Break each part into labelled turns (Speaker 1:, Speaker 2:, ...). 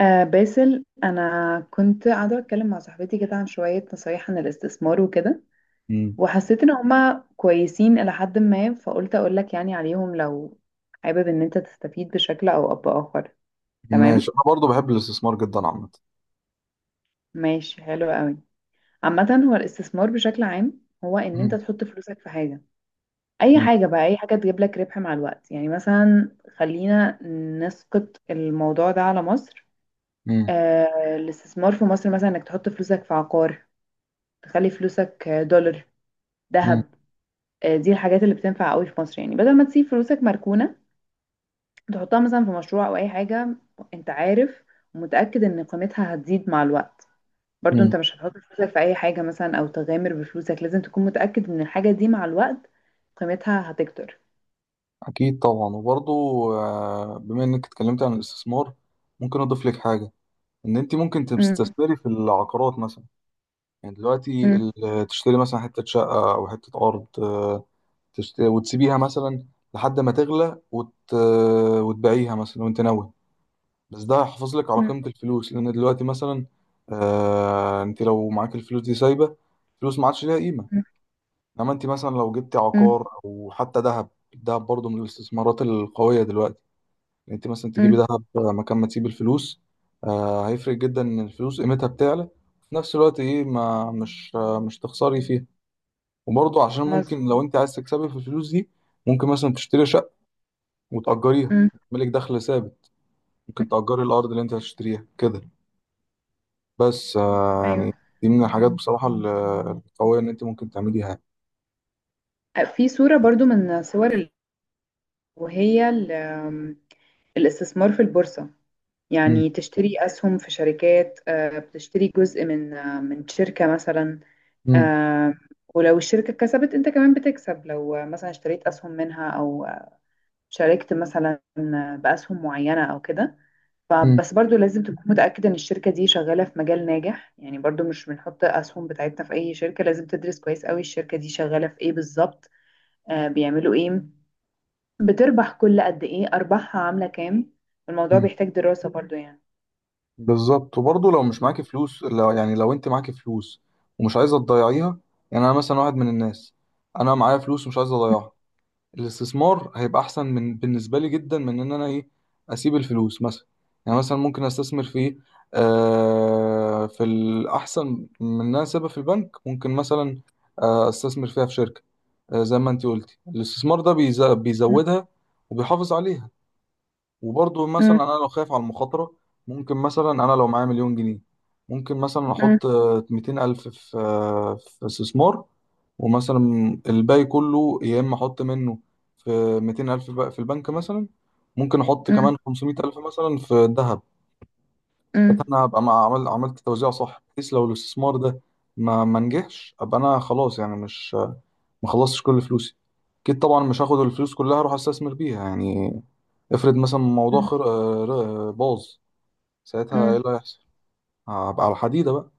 Speaker 1: آه باسل، انا كنت قاعده اتكلم مع صاحبتي كده عن شويه نصايح عن الاستثمار وكده.
Speaker 2: مم.
Speaker 1: وحسيت ان هما كويسين الى حد ما، فقلت اقول لك يعني عليهم لو حابب ان انت تستفيد بشكل او باخر.
Speaker 2: ماشي،
Speaker 1: تمام.
Speaker 2: انا برضو بحب الاستثمار جدا عامه.
Speaker 1: ماشي، حلو قوي. عامه، هو الاستثمار بشكل عام هو ان انت
Speaker 2: مم.
Speaker 1: تحط فلوسك في حاجه. اي
Speaker 2: مم.
Speaker 1: حاجه بقى، اي حاجه تجيب لك ربح مع الوقت، يعني مثلا خلينا نسقط الموضوع ده على مصر.
Speaker 2: مم.
Speaker 1: الاستثمار في مصر مثلا انك تحط فلوسك في عقار، تخلي فلوسك دولار،
Speaker 2: مم.
Speaker 1: ذهب. دي الحاجات اللي بتنفع قوي في مصر، يعني بدل ما تسيب فلوسك مركونة تحطها مثلا في مشروع او اي حاجة، انت عارف، ومتأكد ان قيمتها هتزيد مع الوقت. برضو
Speaker 2: مم.
Speaker 1: انت مش هتحط فلوسك في اي حاجة مثلا او تغامر بفلوسك، لازم تكون متأكد ان الحاجة دي مع الوقت قيمتها هتكتر.
Speaker 2: اكيد طبعا. وبرضو بما انك اتكلمت عن الاستثمار، ممكن اضيف لك حاجه. ان انت ممكن
Speaker 1: مم.
Speaker 2: تستثمري في العقارات مثلا. يعني دلوقتي
Speaker 1: مم.
Speaker 2: تشتري مثلا حته شقه او حته ارض تشتري وتسيبيها مثلا لحد ما تغلى وتبيعيها مثلا وانت ناوي. بس ده هيحافظ لك على
Speaker 1: مم.
Speaker 2: قيمه الفلوس، لان دلوقتي مثلا انت لو معاك الفلوس دي سايبه، فلوس ما عادش ليها قيمه.
Speaker 1: مم.
Speaker 2: انما انت مثلا لو جبتي
Speaker 1: مم.
Speaker 2: عقار او حتى ذهب. الذهب برضه من الاستثمارات القويه دلوقتي. يعني انت مثلا تجيبي
Speaker 1: مم.
Speaker 2: ذهب مكان ما تسيبي الفلوس. آه، هيفرق جدا ان الفلوس قيمتها بتعلى، وفي نفس الوقت ايه، ما مش آه مش تخسري فيها. وبرضه عشان ممكن لو
Speaker 1: مظبوط.
Speaker 2: انت عايز تكسبي في الفلوس دي، ممكن مثلا تشتري شقه وتأجريها،
Speaker 1: مم.
Speaker 2: ملك دخل ثابت. ممكن تأجري الارض اللي انت هتشتريها كده، بس آه
Speaker 1: ايوه.
Speaker 2: يعني دي من الحاجات بصراحه القويه ان انت ممكن تعمليها.
Speaker 1: في صورة برضو من صور وهي ال- الاستثمار في البورصة.
Speaker 2: مم.
Speaker 1: يعني تشتري أسهم في شركات، بتشتري جزء من شركة مثلا.
Speaker 2: مم.
Speaker 1: آه، ولو الشركة كسبت أنت كمان بتكسب، لو مثلا اشتريت أسهم منها أو شاركت مثلا بأسهم معينة أو كده. فبس برضو لازم تكون متأكد إن الشركة دي شغالة في مجال ناجح، يعني برضو مش بنحط أسهم بتاعتنا في أي شركة، لازم تدرس كويس قوي الشركة دي شغالة في إيه بالظبط، بيعملوا إيه، بتربح كل قد إيه، أرباحها عاملة كام. الموضوع
Speaker 2: مم.
Speaker 1: بيحتاج دراسة برضو يعني.
Speaker 2: بالظبط. وبرضه لو مش معاكي فلوس، لو يعني لو انت معاكي فلوس ومش عايزه تضيعيها. يعني انا مثلا واحد من الناس، انا معايا فلوس ومش عايز اضيعها. الاستثمار هيبقى احسن من، بالنسبه لي جدا، من ان انا ايه، اسيب الفلوس مثلا. يعني مثلا ممكن استثمر في ايه، آه، في الاحسن من ان انا اسيبها في البنك. ممكن مثلا استثمر فيها في شركه. آه، زي ما انت قلتي، الاستثمار ده بيزودها وبيحافظ عليها. وبرضه مثلا انا لو خايف على المخاطره، ممكن مثلا انا لو معايا مليون جنيه، ممكن مثلا
Speaker 1: مم.
Speaker 2: احط ميتين الف في استثمار. ومثلا الباقي كله، يا اما احط منه في ميتين الف بقى في البنك مثلا، ممكن احط
Speaker 1: مم.
Speaker 2: كمان خمسمية الف مثلا في الذهب. ساعتها
Speaker 1: مم.
Speaker 2: انا هبقى عملت توزيع صح، بحيث لو الاستثمار ده ما نجحش ابقى انا خلاص يعني مش، ما خلصتش كل فلوسي. اكيد طبعا مش هاخد الفلوس كلها اروح استثمر بيها، يعني. افرض مثلا الموضوع
Speaker 1: مم.
Speaker 2: خر... آه، ر- آه، باظ، ساعتها ايه
Speaker 1: مم.
Speaker 2: اللي هيحصل؟ هبقى على الحديدة بقى.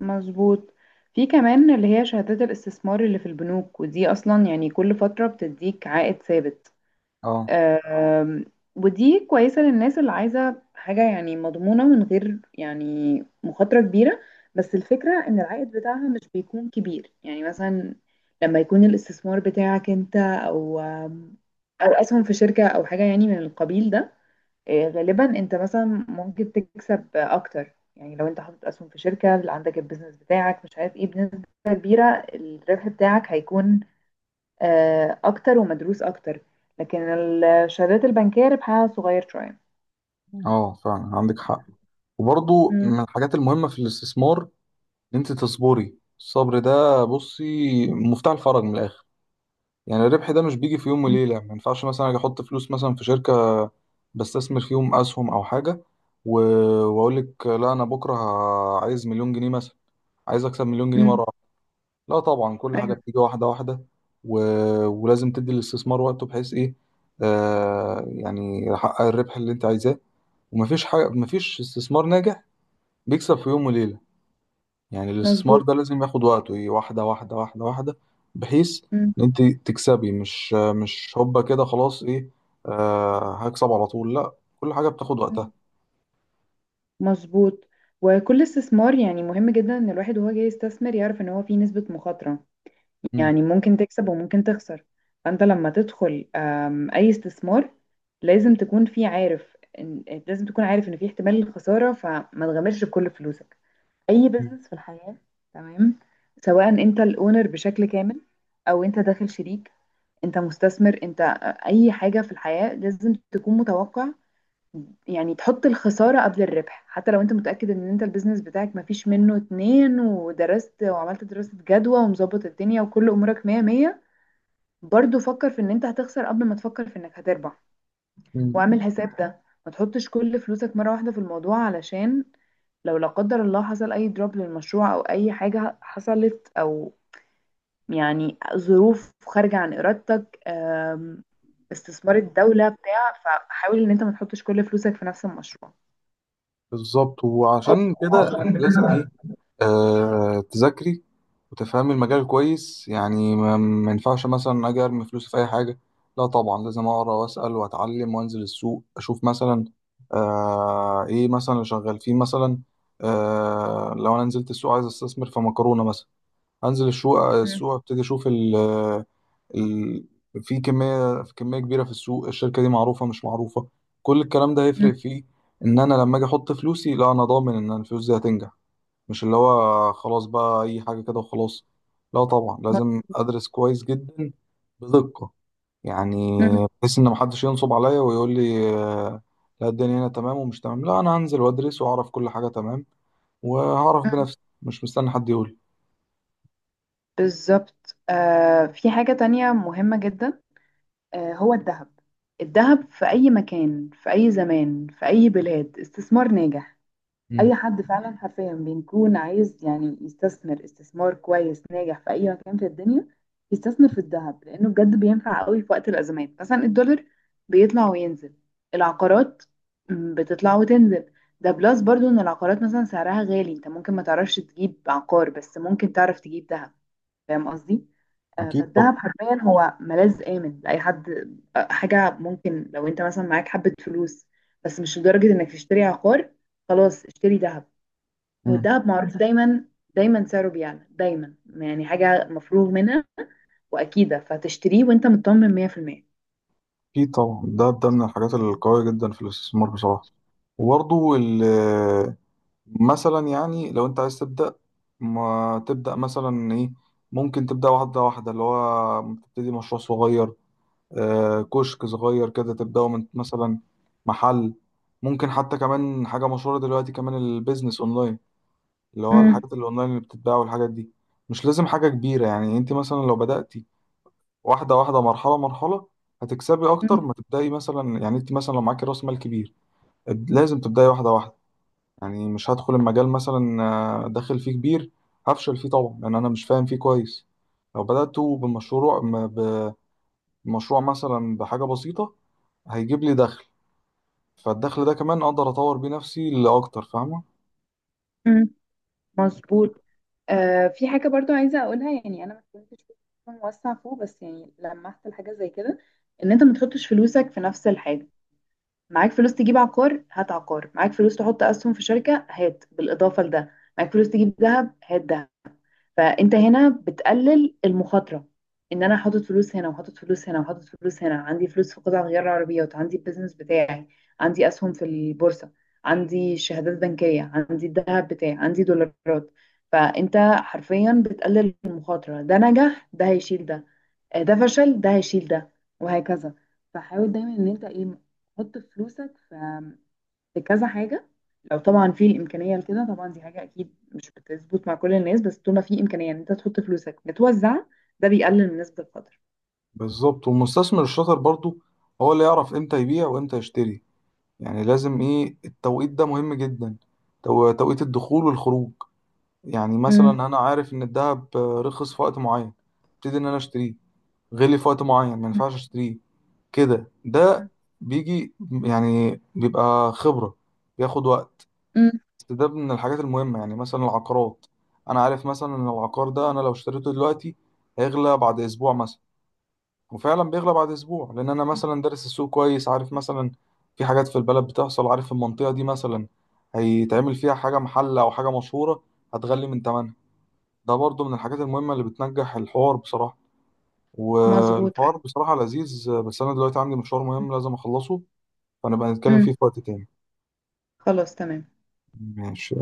Speaker 1: مظبوط. في كمان اللي هي شهادات الاستثمار اللي في البنوك، ودي اصلا يعني كل فترة بتديك عائد ثابت.
Speaker 2: اه.
Speaker 1: آم، ودي كويسة للناس اللي عايزة حاجة يعني مضمونة من غير يعني مخاطرة كبيرة. بس الفكرة ان العائد بتاعها مش بيكون كبير، يعني مثلا لما يكون الاستثمار بتاعك انت او اسهم في شركة او حاجة يعني من القبيل ده، غالبا انت مثلا ممكن تكسب اكتر، يعني لو انت حاطط اسهم في شركه اللي عندك البيزنس بتاعك مش عارف ايه بنسبه كبيره، الربح بتاعك هيكون اكتر ومدروس اكتر. لكن الشهادات البنكيه ربحها صغير شويه.
Speaker 2: مم. اه، فعلا عندك حق. وبرضو
Speaker 1: مم.
Speaker 2: من الحاجات المهمة في الاستثمار ان انت تصبري. الصبر ده بصي مفتاح الفرج من الاخر. يعني الربح ده مش بيجي في يوم
Speaker 1: مم.
Speaker 2: وليلة. ما ينفعش مثلا اجي احط فلوس مثلا في شركة بستثمر فيهم اسهم او حاجة و... واقول لك لا انا بكرة عايز مليون جنيه مثلا، عايز اكسب مليون جنيه
Speaker 1: مم.
Speaker 2: مرة. لا طبعا، كل حاجة
Speaker 1: ايوه.
Speaker 2: بتيجي واحدة واحدة. و... ولازم تدي الاستثمار وقته بحيث ايه، آه، يعني يحقق الربح اللي انت عايزاه. ومفيش حاجة، مفيش استثمار ناجح بيكسب في يوم وليلة. يعني الاستثمار ده
Speaker 1: مظبوط.
Speaker 2: لازم ياخد وقته ايه، واحدة واحدة واحدة واحدة، بحيث
Speaker 1: مم.
Speaker 2: ان انت تكسبي. مش هوبا كده خلاص ايه، آه، هكسب على طول، لا. كل حاجة بتاخد وقتها.
Speaker 1: مم. مظبوط. وكل استثمار يعني مهم جدا ان الواحد وهو جاي يستثمر يعرف ان هو فيه نسبه مخاطره،
Speaker 2: مم.
Speaker 1: يعني ممكن تكسب وممكن تخسر. فانت لما تدخل اي استثمار لازم تكون في عارف إن لازم تكون عارف ان في احتمال الخسارة، فما تغامرش بكل فلوسك. اي بزنس في الحياة، تمام، سواء انت الاونر بشكل كامل او انت داخل شريك، انت مستثمر، انت اي حاجة في الحياة لازم تكون متوقع. يعني تحط الخسارة قبل الربح، حتى لو انت متأكد ان انت البيزنس بتاعك مفيش منه اتنين، ودرست وعملت دراسة جدوى ومظبط الدنيا وكل امورك مية مية، برضو فكر في ان انت هتخسر قبل ما تفكر في انك هتربح. واعمل
Speaker 2: مم.
Speaker 1: حساب ده، ما تحطش كل فلوسك مرة واحدة في الموضوع، علشان لو لا قدر الله حصل اي دروب للمشروع او اي حاجة حصلت، او يعني ظروف خارجة عن ارادتك استثمار الدولة بتاع، فحاول ان انت ما تحطش كل فلوسك في نفس المشروع.
Speaker 2: بالظبط. وعشان كده انت لازم ايه، آه، تذاكري وتفهم المجال كويس. يعني ما ينفعش مثلا اجي ارمي فلوسي في اي حاجه. لا طبعا، لازم اقرا واسال واتعلم وانزل السوق اشوف مثلا آه، ايه مثلا اللي شغال فيه مثلا. آه، لو انا نزلت السوق عايز استثمر في مكرونه مثلا، انزل السوق
Speaker 1: مم.
Speaker 2: السوق ابتدي اشوف ال ال في كميه، في كميه كبيره في السوق، الشركه دي معروفه مش معروفه، كل الكلام ده
Speaker 1: مم.
Speaker 2: هيفرق فيه. ان انا لما اجي احط فلوسي، لا، انا ضامن ان الفلوس دي هتنجح. مش اللي هو خلاص بقى اي حاجه كده وخلاص، لا طبعا، لازم ادرس كويس جدا بدقه يعني.
Speaker 1: مم.
Speaker 2: بحيث ان محدش ينصب عليا ويقول لي آه، لا الدنيا هنا تمام ومش تمام. لا، انا هنزل وادرس واعرف كل حاجه تمام، وهعرف
Speaker 1: مم.
Speaker 2: بنفسي، مش مستني حد يقول.
Speaker 1: بالظبط. في حاجة تانية مهمة جدا، هو الذهب. الذهب في أي مكان، في أي زمان، في أي بلاد استثمار ناجح. أي
Speaker 2: امم.
Speaker 1: حد فعلا حرفيا بيكون عايز يعني يستثمر استثمار كويس ناجح في أي مكان في الدنيا يستثمر في الذهب، لأنه بجد بينفع قوي في وقت الأزمات. مثلا الدولار بيطلع وينزل، العقارات بتطلع وتنزل. ده بلس برضو إن العقارات مثلا سعرها غالي، أنت ممكن ما تعرفش تجيب عقار، بس ممكن تعرف تجيب ذهب. فاهم قصدي؟
Speaker 2: اكيد
Speaker 1: فالدهب
Speaker 2: طبعا.
Speaker 1: حرفيا هو ملاذ آمن لأي حد. حاجة ممكن لو انت مثلا معاك حبة فلوس بس مش لدرجة انك تشتري عقار، خلاص اشتري دهب.
Speaker 2: امم.
Speaker 1: والدهب معروف دايما، دايما سعره بيعلى، دايما يعني حاجة مفروغ منها وأكيدة، فتشتريه وانت مطمن 100%.
Speaker 2: اكيد طبعا، ده من الحاجات القويه جدا في الاستثمار بصراحه. وبرضه مثلا يعني لو انت عايز تبدأ، ما تبدأ مثلا ايه، ممكن تبدأ واحدة واحدة اللي هو تبتدي مشروع صغير. آه، كشك صغير كده تبدأه من مثلا، محل. ممكن حتى كمان حاجة مشهورة دلوقتي كمان، البيزنس اونلاين، اللي هو
Speaker 1: امم.
Speaker 2: الحاجات الاونلاين اللي بتتباع والحاجات دي. مش لازم حاجة كبيرة. يعني انت مثلا لو بدأتي واحدة واحدة، مرحلة مرحلة، هتكسبي اكتر ما تبدأي مثلا. يعني انت مثلا لو معاكي راس مال كبير، لازم تبدأي واحدة واحدة. يعني مش هدخل المجال مثلا آه، داخل فيه كبير، هفشل فيه طبعا، لان انا مش فاهم فيه كويس. لو بدأت بمشروع مثلا بحاجة بسيطة، هيجيب لي دخل، فالدخل ده كمان اقدر اطور بيه نفسي لاكتر، فاهمة؟
Speaker 1: امم. مظبوط. في حاجة برضو عايزة أقولها، يعني أنا ما كنتش موسع فوق، بس يعني لمحت لحاجة زي كده. إن أنت ما تحطش فلوسك في نفس الحاجة، معاك فلوس تجيب عقار هات عقار، معاك فلوس تحط اسهم في شركه هات، بالاضافه لده معاك فلوس تجيب ذهب هات ذهب. فانت هنا بتقلل المخاطره، ان انا حاطط فلوس هنا وحاطط فلوس هنا وحاطط فلوس هنا، عندي فلوس في قطع غيار العربيات، عندي البيزنس بتاعي، عندي اسهم في البورصه، عندي شهادات بنكيه، عندي الذهب بتاعي، عندي دولارات. فانت حرفيا بتقلل المخاطره، ده نجح ده هيشيل ده، ده فشل ده هيشيل ده، وهكذا. فحاول دايما ان انت ايه، تحط فلوسك في كذا حاجة. لو طبعا في الإمكانية لكده، طبعا دي حاجة أكيد مش بتظبط مع كل الناس، بس طول ما في إمكانية إن أنت تحط فلوسك بتوزعها، ده بيقلل من نسبة القدر.
Speaker 2: بالظبط. والمستثمر الشاطر برضو هو اللي يعرف امتى يبيع وامتى يشتري. يعني لازم ايه، التوقيت ده مهم جدا، توقيت الدخول والخروج. يعني مثلا
Speaker 1: مم.
Speaker 2: انا عارف ان الذهب آه، رخص في وقت معين، ابتدي ان انا اشتريه. غلي في وقت معين، ما ينفعش اشتريه كده. ده بيجي، يعني بيبقى خبرة، بياخد وقت.
Speaker 1: مم.
Speaker 2: بس ده من الحاجات المهمة. يعني مثلا العقارات، أنا عارف مثلا إن العقار ده أنا لو اشتريته دلوقتي هيغلى بعد أسبوع مثلا، وفعلا بيغلى بعد أسبوع، لأن أنا مثلا دارس السوق كويس، عارف مثلا في حاجات في البلد بتحصل، عارف المنطقة دي مثلا هيتعمل فيها حاجة، محل أو حاجة مشهورة، هتغلي من تمنها. ده برضو من الحاجات المهمة اللي بتنجح. الحوار بصراحة،
Speaker 1: مظبوط.
Speaker 2: والحوار بصراحة لذيذ، بس أنا دلوقتي عندي مشوار مهم لازم أخلصه، فنبقى نتكلم
Speaker 1: مم.
Speaker 2: فيه في وقت تاني.
Speaker 1: خلاص تمام.
Speaker 2: ماشي.